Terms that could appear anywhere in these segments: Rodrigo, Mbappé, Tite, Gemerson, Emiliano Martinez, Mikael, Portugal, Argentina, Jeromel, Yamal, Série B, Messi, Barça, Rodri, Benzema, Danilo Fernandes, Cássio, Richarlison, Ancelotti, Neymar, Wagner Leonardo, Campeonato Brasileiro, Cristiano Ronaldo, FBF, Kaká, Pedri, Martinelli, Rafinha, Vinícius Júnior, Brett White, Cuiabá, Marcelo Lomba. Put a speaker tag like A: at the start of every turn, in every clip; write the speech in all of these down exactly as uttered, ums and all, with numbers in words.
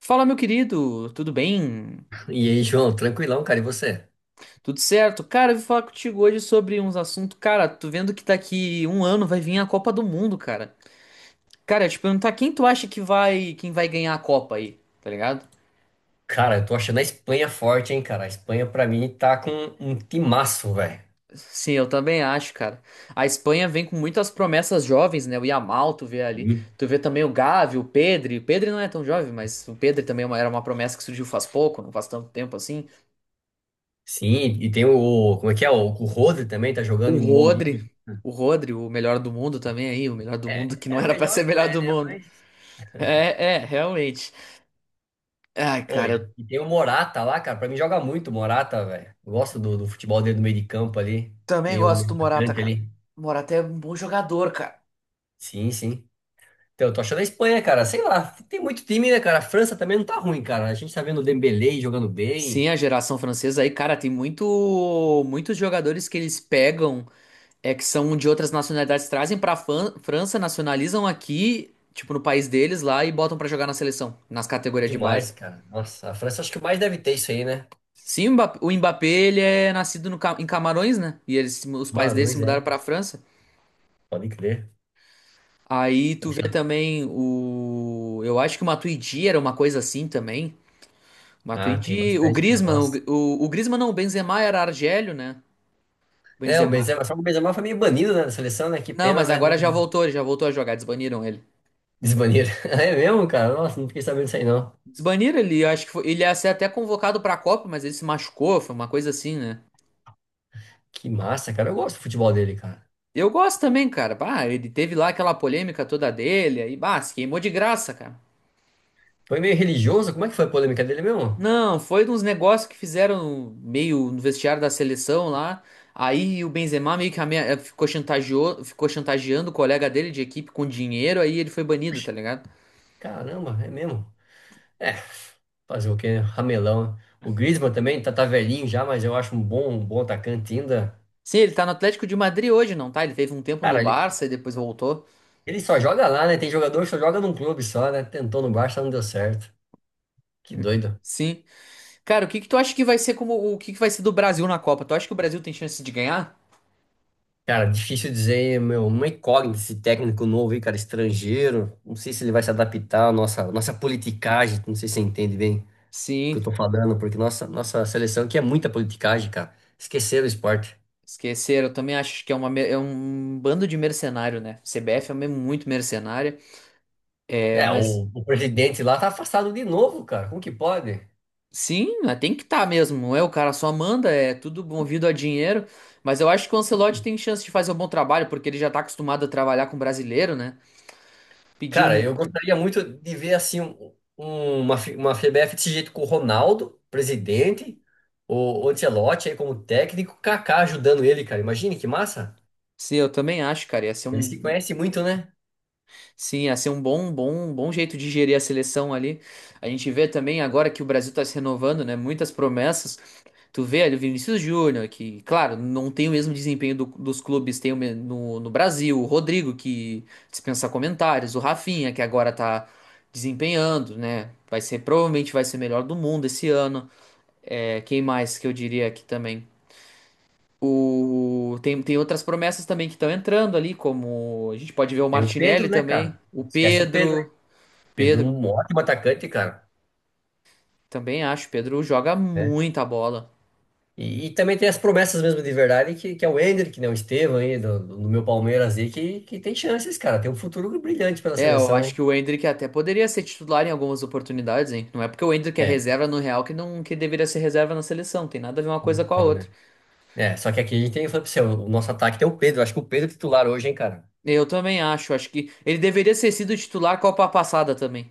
A: Fala, meu querido, tudo bem?
B: E aí, João, tranquilão, cara, e você?
A: Tudo certo? Cara, eu vim falar contigo hoje sobre uns assuntos. Cara, tô vendo que daqui um ano vai vir a Copa do Mundo, cara. Cara, eu te perguntar quem tu acha que vai, quem vai ganhar a Copa aí, tá ligado?
B: Cara, eu tô achando a Espanha forte, hein, cara. A Espanha, pra mim, tá com um timaço, velho.
A: Sim, eu também acho, cara. A Espanha vem com muitas promessas jovens, né? O Yamal, tu vê ali.
B: Hum.
A: Tu vê também o Gavi, o Pedri. O Pedri não é tão jovem, mas o Pedri também é uma- era uma promessa que surgiu faz pouco, não faz tanto tempo assim.
B: Sim, e tem o. Como é que é? O, o Rodri também tá jogando
A: O
B: em um bom nível.
A: Rodri. O Rodri, o melhor do mundo também aí, o melhor do mundo
B: É,
A: que não
B: é o
A: era pra ser
B: melhor, não
A: melhor
B: é,
A: do
B: né?
A: mundo.
B: Mas.
A: É, é, realmente. Ai, cara,
B: Oi,
A: eu
B: e tem o Morata lá, cara. Pra mim, joga muito o Morata, velho. Eu Gosto do, do futebol dele no meio de campo ali.
A: também
B: Meio
A: gosto do
B: meio
A: Morata,
B: atacante
A: cara.
B: ali.
A: O Morata é um bom jogador, cara.
B: Sim, sim. Então, eu tô achando a Espanha, cara. Sei lá, tem muito time, né, cara? A França também não tá ruim, cara. A gente tá vendo o Dembélé jogando
A: Sim,
B: bem.
A: a geração francesa aí, cara, tem muito, muitos jogadores que eles pegam, é que são de outras nacionalidades, trazem pra Fran- França, nacionalizam aqui, tipo no país deles lá e botam pra jogar na seleção, nas categorias de base.
B: Demais, cara. Nossa, a França acho que mais deve ter isso aí, né?
A: Sim, o Mbappé, o Mbappé, ele é nascido no Ca- em Camarões, né? E eles, se mu- os pais dele se
B: Camarões,
A: mudaram
B: é.
A: pra França.
B: Pode crer.
A: Aí tu vê também o, eu acho que o Matuidi era uma coisa assim também.
B: Ah, tem
A: Matuidi, o
B: bastante, cara.
A: Griezmann, o,
B: Nossa.
A: Gri- o, o Griezmann não, o Benzema era Argélio, né?
B: É, o
A: Benzema.
B: Benzema, só que o Benzema foi meio banido, né, da seleção, né? Que
A: Não,
B: pena,
A: mas
B: né? Não.
A: agora já voltou, ele já voltou a jogar, desbaniram ele.
B: Desbaniram. É mesmo, cara? Nossa, não fiquei sabendo disso aí, não.
A: Desbaniram ele, eu acho que foi- ele ia ser até convocado pra Copa, mas ele se machucou, foi uma coisa assim, né?
B: Que massa, cara. Eu gosto do futebol dele, cara.
A: Eu gosto também, cara. Bah, ele teve lá aquela polêmica toda dele, aí, bah, se queimou de graça, cara.
B: Foi meio religioso. Como é que foi a polêmica dele mesmo?
A: Não, foi uns negócios que fizeram meio no vestiário da seleção lá. Aí o Benzema meio que ame- ficou chantageou, ficou chantageando o colega dele de equipe com dinheiro, aí ele foi banido,
B: Puxa,
A: tá ligado?
B: caramba, é mesmo. É, fazer o quê? Né? Ramelão. O Griezmann também tá, tá velhinho já, mas eu acho um bom, um bom atacante ainda.
A: Sim, ele tá no Atlético de Madrid hoje, não tá? Ele teve um tempo no
B: Cara,
A: Barça e depois voltou.
B: ele só joga lá, né? Tem jogador que só joga num clube só, né? Tentou no Barça, não deu certo. Que doido.
A: Sim. Cara, o que que tu acha que vai ser como o que que vai ser do Brasil na Copa? Tu acha que o Brasil tem chance de ganhar?
B: Cara, difícil dizer, meu, uma incógnita esse técnico novo aí, cara, estrangeiro. Não sei se ele vai se adaptar à nossa, nossa politicagem. Não sei se você entende bem o que eu
A: Sim,
B: tô falando, porque nossa, nossa seleção aqui é muita politicagem, cara. Esqueceram o esporte.
A: esqueceram. Eu também acho que é, uma, me- é um bando de mercenário, né? C B F é mesmo muito mercenária. É,
B: É,
A: mas
B: o, o presidente lá tá afastado de novo, cara. Como que pode?
A: sim, né, tem que estar tá mesmo. Não é o cara só manda, é tudo movido a dinheiro. Mas eu acho que o Ancelotti tem chance de fazer um bom trabalho, porque ele já tá acostumado a trabalhar com brasileiro, né? Pediu
B: Cara,
A: um.
B: eu gostaria muito de ver assim um- um, uma, F- uma F B F desse jeito com o Ronaldo, presidente, o o Ancelotti aí como técnico, o Kaká ajudando ele, cara. Imagine que massa.
A: Sim, eu também acho, cara. Ia ser
B: Eles se
A: um
B: conhecem muito, né?
A: Sim, ia ser um bom, bom, bom jeito de gerir a seleção ali. A gente vê também agora que o Brasil está se renovando, né? Muitas promessas. Tu vê ali o Vinícius Júnior, que, claro, não tem o mesmo desempenho do- dos clubes, tem o me- no, no Brasil, o Rodrigo, que dispensa comentários, o Rafinha, que agora tá desempenhando, né? Vai ser, provavelmente vai ser melhor do mundo esse ano. É, quem mais que eu diria aqui também? O, tem, tem outras promessas também que estão entrando ali, como a gente pode ver o
B: Tem o Pedro,
A: Martinelli
B: né,
A: também,
B: cara?
A: o
B: Esquece o Pedro, né?
A: Pedro.
B: Pedro é
A: Pedro,
B: um ótimo atacante, cara.
A: também acho. Pedro joga
B: Né?
A: muita bola.
B: E, e também tem as promessas mesmo de verdade, que, que é o Endrick, né? O Estevão aí, do, do do meu Palmeiras aí, que, que tem chances, cara. Tem um futuro brilhante pela
A: É, eu
B: seleção,
A: acho
B: hein?
A: que o Endrick até poderia ser titular em algumas oportunidades, hein? Não é porque o Endrick é
B: É.
A: reserva no Real que não que deveria ser reserva na seleção. Tem nada a ver uma coisa com a outra.
B: É, só que aqui a gente tem, eu falei pra você, o nosso ataque tem o Pedro. Acho que o Pedro é titular hoje, hein, cara.
A: Eu também acho. Acho que ele deveria ter sido titular a Copa passada também.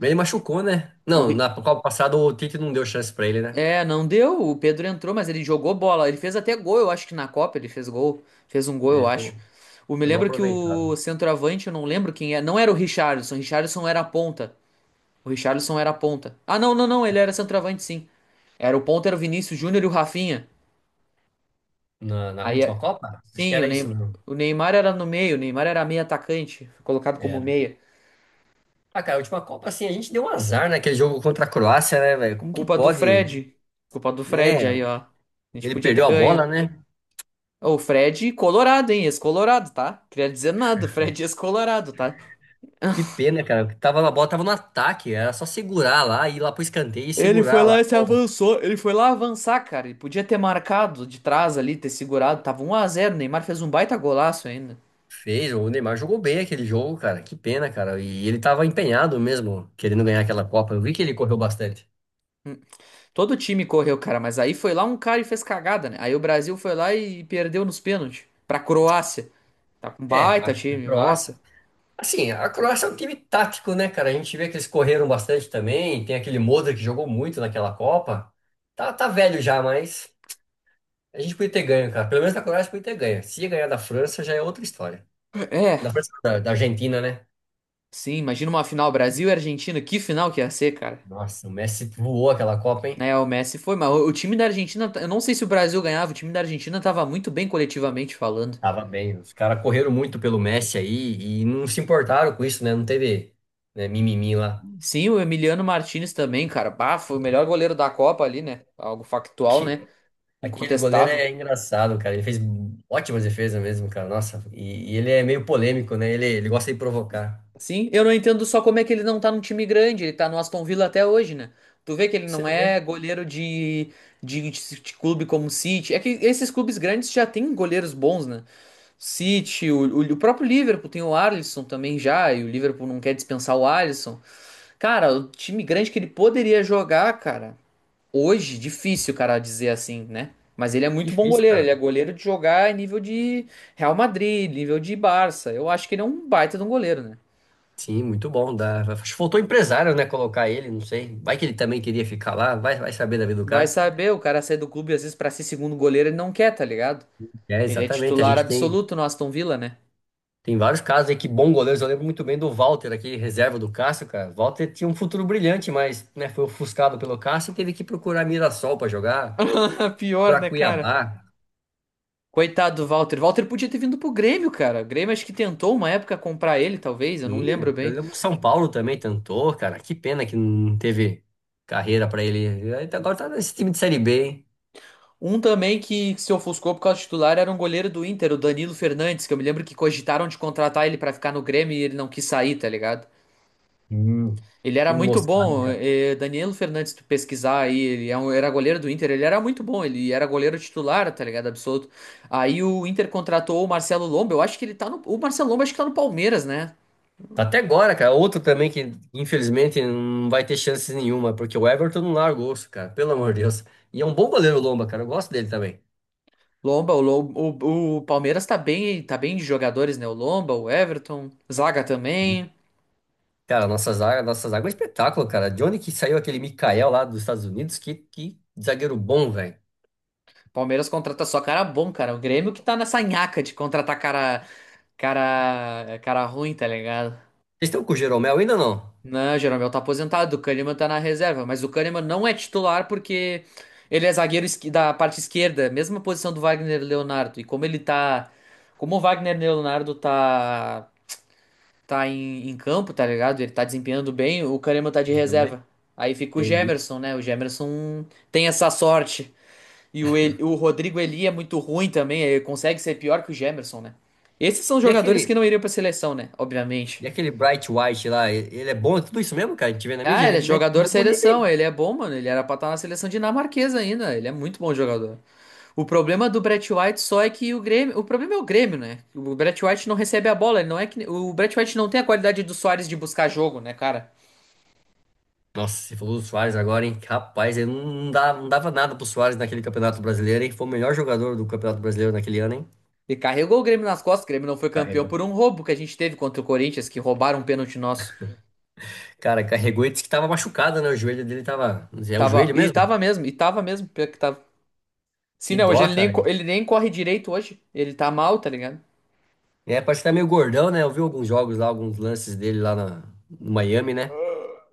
B: Ele machucou, né?
A: O
B: Não,
A: Ri-
B: na Copa passada o Tite não deu chance pra ele, né?
A: é, não deu. O Pedro entrou, mas ele jogou bola. Ele fez até gol, eu acho que na Copa ele fez gol. Fez um gol,
B: É,
A: eu
B: foi,
A: acho.
B: um-
A: Eu me
B: foi mal
A: lembro que
B: aproveitado.
A: o centroavante, eu não lembro quem é. Não era o Richarlison. Richarlison era a ponta. O Richarlison era ponta. Ah, não, não, não, ele era centroavante, sim. Era o ponta, era o Vinícius Júnior e o Rafinha.
B: Na, na
A: Aí,
B: última
A: é-
B: Copa? Acho que
A: sim, o
B: era isso
A: Ney-
B: mesmo.
A: o Neymar era no meio, o Neymar era meio atacante, foi colocado como
B: Era.
A: meia.
B: Ah, cara, a última Copa, assim, a gente deu um azar naquele jogo contra a Croácia, né, velho? Como que
A: Culpa do
B: pode?
A: Fred. Culpa do Fred
B: É,
A: aí, ó. A gente
B: ele
A: podia
B: perdeu
A: ter
B: a bola,
A: ganho.
B: né?
A: Ô, o Fred colorado, hein? Ex-colorado, tá? Queria dizer nada, o Fred ex-colorado, tá?
B: Que pena, cara. Tava, a bola tava no ataque, era só segurar lá, ir lá pro escanteio e
A: Ele foi
B: segurar lá.
A: lá e se avançou. Ele foi lá avançar, cara. Ele podia ter marcado de trás ali, ter segurado. Tava um a zero. O Neymar fez um baita golaço ainda.
B: Fez, o Neymar jogou bem aquele jogo, cara. Que pena, cara. E ele tava empenhado mesmo, querendo ganhar aquela Copa. Eu vi que ele correu bastante.
A: Todo time correu, cara, mas aí foi lá um cara e fez cagada, né? Aí o Brasil foi lá e perdeu nos pênaltis pra Croácia. Tá com
B: É, a
A: baita
B: a
A: time,
B: Croácia.
A: nossa.
B: Assim, a Croácia é um time tático, né, cara? A gente vê que eles correram bastante também. Tem aquele Modric que jogou muito naquela Copa. Tá, tá velho já, mas a gente podia ter ganho, cara. Pelo menos a Croácia podia ter ganho. Se ia ganhar da França, já é outra história.
A: É,
B: Da França, não, da, da Argentina, né?
A: sim, imagina uma final Brasil e Argentina, que final que ia ser, cara.
B: Nossa, o Messi voou aquela Copa, hein?
A: Né, o Messi foi, mas o o time da Argentina, eu não sei se o Brasil ganhava, o time da Argentina tava muito bem coletivamente falando.
B: Tava bem. Os caras correram muito pelo Messi aí e não se importaram com isso, né? Não teve, né, mimimi lá.
A: Sim, o Emiliano Martinez também, cara, bah, foi o melhor goleiro da Copa ali, né? Algo factual,
B: Que,
A: né?
B: aquele goleiro
A: Incontestável.
B: é engraçado, cara. Ele fez ótimas defesas mesmo, cara. Nossa, e, e ele é meio polêmico, né? Ele, ele gosta de provocar.
A: Sim, eu não entendo só como é que ele não tá num time grande, ele tá no Aston Villa até hoje, né? Tu vê que ele
B: Você
A: não é
B: vê.
A: goleiro de, de, de de clube como o City. É que esses clubes grandes já têm goleiros bons, né? City, o, o, o próprio Liverpool tem o Alisson também já, e o Liverpool não quer dispensar o Alisson. Cara, o time grande que ele poderia jogar, cara, hoje, difícil, cara, dizer assim, né? Mas ele é muito bom
B: Difícil,
A: goleiro, ele
B: cara.
A: é goleiro de jogar em nível de Real Madrid, nível de Barça. Eu acho que ele é um baita de um goleiro, né?
B: Sim, muito bom. Dá. Acho que faltou empresário, né? Colocar ele, não sei. Vai que ele também queria ficar lá. Vai, vai saber da vida do
A: Vai
B: cara.
A: saber, o cara sai do clube às vezes pra ser segundo goleiro, ele não quer, tá ligado?
B: É,
A: Ele é
B: exatamente. A
A: titular
B: gente tem.
A: absoluto no Aston Villa, né?
B: Tem vários casos aí que bons goleiros. Eu lembro muito bem do Walter, aquele reserva do Cássio, cara. Walter tinha um futuro brilhante, mas né, foi ofuscado pelo Cássio e teve que procurar Mirassol para jogar,
A: Pior,
B: para
A: né, cara?
B: Cuiabá.
A: Coitado do Walter. Walter podia ter vindo pro Grêmio, cara. O Grêmio acho que tentou uma época comprar ele, talvez, eu não
B: E
A: lembro
B: eu
A: bem.
B: lembro que São Paulo também tentou, cara. Que pena que não teve carreira para ele. Ele tá- agora tá nesse time de Série B, hein?
A: Um também que se ofuscou por causa do titular era um goleiro do Inter, o Danilo Fernandes, que eu me lembro que cogitaram de contratar ele pra ficar no Grêmio e ele não quis sair, tá ligado?
B: Hum.
A: Ele
B: Que
A: era muito
B: moscada,
A: bom,
B: cara.
A: eh, eh, Danilo Fernandes, se tu pesquisar aí, ele é um- era goleiro do Inter, ele era muito bom, ele era goleiro titular, tá ligado? Absoluto. Aí o Inter contratou o Marcelo Lomba, eu acho que ele tá no, o Marcelo Lomba acho que tá no Palmeiras, né?
B: Tá até agora, cara. Outro também que, infelizmente, não vai ter chances nenhuma, porque o Everton não largou, cara. Pelo amor de Deus. E é um bom goleiro, o Lomba, cara. Eu gosto dele também.
A: Lomba, o, Lom- o, o Palmeiras tá bem, tá bem de jogadores, né? O Lomba, o Everton, Zaga também.
B: Cara, nossa zaga, nossa zaga é um espetáculo, cara. De onde que saiu aquele Mikael lá dos Estados Unidos? Que, que zagueiro bom, velho.
A: Palmeiras contrata só cara bom, cara. O Grêmio que tá nessa nhaca de contratar cara, cara, cara ruim, tá ligado?
B: Vocês estão com o Jeromel ainda ou não?
A: Não, Jeromel tá aposentado, o Kahneman tá na reserva, mas o Kahneman não é titular porque ele é zagueiro esqui- da parte esquerda, mesma posição do Wagner Leonardo. E como ele tá, como o Wagner Leonardo tá tá em, em campo, tá ligado? Ele tá desempenhando bem, o Kahneman tá de
B: Jeromel?
A: reserva. Aí fica o
B: Entendi.
A: Gemerson, né? O Gemerson tem essa sorte. E o, El- o Rodrigo Eli é muito ruim também, ele consegue ser pior que o Gemerson, né? Esses são
B: E aquele,
A: jogadores que não iriam pra seleção, né? Obviamente.
B: e aquele Bright White lá, e- ele é bom? É tudo isso mesmo, cara? A gente vê na mídia,
A: Ah, ele
B: ele
A: é
B: mete um
A: jogador
B: gol bonito,
A: seleção,
B: hein?
A: ele é bom, mano. Ele era pra estar na seleção dinamarquesa ainda. Ele é muito bom jogador. O problema do Brett White só é que o Grêmio. O problema é o Grêmio, né? O Brett White não recebe a bola. Ele não é que. O Brett White não tem a qualidade do Soares de buscar jogo, né, cara?
B: Nossa, você falou do Suárez agora, hein? Rapaz, ele não, não dá, não dava nada pro Suárez naquele Campeonato Brasileiro, hein? Foi o melhor jogador do Campeonato Brasileiro naquele ano, hein?
A: Ele carregou o Grêmio nas costas. O Grêmio não foi campeão
B: Carregou.
A: por um roubo que a gente teve contra o Corinthians, que roubaram um pênalti nosso.
B: Cara, carregou e disse que tava machucado, né? O joelho dele tava. É o
A: Tava.
B: joelho
A: E
B: mesmo?
A: tava mesmo, e tava mesmo, pior que tava. Sim,
B: Que
A: não, hoje
B: dó,
A: ele nem,
B: cara.
A: co- ele nem corre direito hoje. Ele tá mal, tá ligado?
B: É, parece que tá meio gordão, né? Eu vi alguns jogos lá, alguns lances dele lá na, no Miami, né?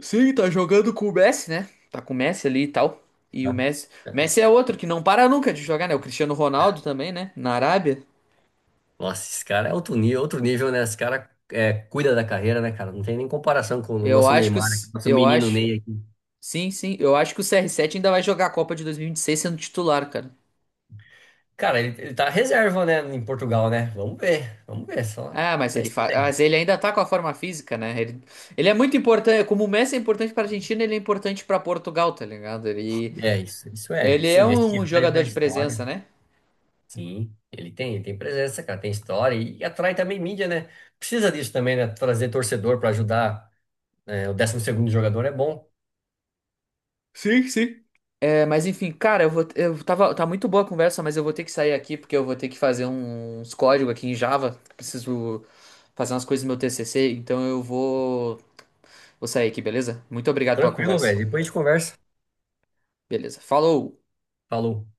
A: Sim, tá jogando com o Messi, né? Tá com o Messi ali e tal. E o
B: Tá.
A: Messi, o
B: É.
A: Messi é outro que não para nunca de jogar, né? O Cristiano Ronaldo também, né? Na Arábia.
B: Nossa, esse cara é outro nível, outro nível, né? Esse cara é, cuida da carreira, né, cara? Não tem nem comparação com o
A: Eu
B: nosso
A: acho que
B: Neymar, né?
A: os...
B: Nosso
A: eu
B: menino
A: acho,
B: Ney aqui.
A: Sim, sim, eu acho que o C R sete ainda vai jogar a Copa de dois mil e vinte e seis sendo titular, cara.
B: Cara, ele, ele tá reserva, né, em Portugal, né? Vamos ver, vamos ver só.
A: Ah, mas
B: Tá
A: ele fa...
B: estranho.
A: mas ele ainda tá com a forma física, né? Ele, ele é muito importante, como o Messi é importante pra Argentina, ele é importante pra Portugal, tá ligado? Ele
B: É isso, isso é.
A: ele é
B: Sim,
A: um
B: vestiário,
A: jogador
B: né?
A: de
B: História.
A: presença, né?
B: Sim, ele tem, ele tem presença, cara, tem história e, e atrai também mídia, né? Precisa disso também, né? Trazer torcedor pra ajudar. Né? O décimo segundo jogador é bom.
A: Sim, sim. É, mas enfim, cara, eu vou, eu tava, tá muito boa a conversa, mas eu vou ter que sair aqui porque eu vou ter que fazer uns códigos aqui em Java. Preciso fazer umas coisas no meu T C C, então eu vou, vou sair aqui, beleza? Muito obrigado pela
B: Tranquilo,
A: conversa.
B: velho. Depois a gente conversa.
A: Beleza. Falou!
B: Falou.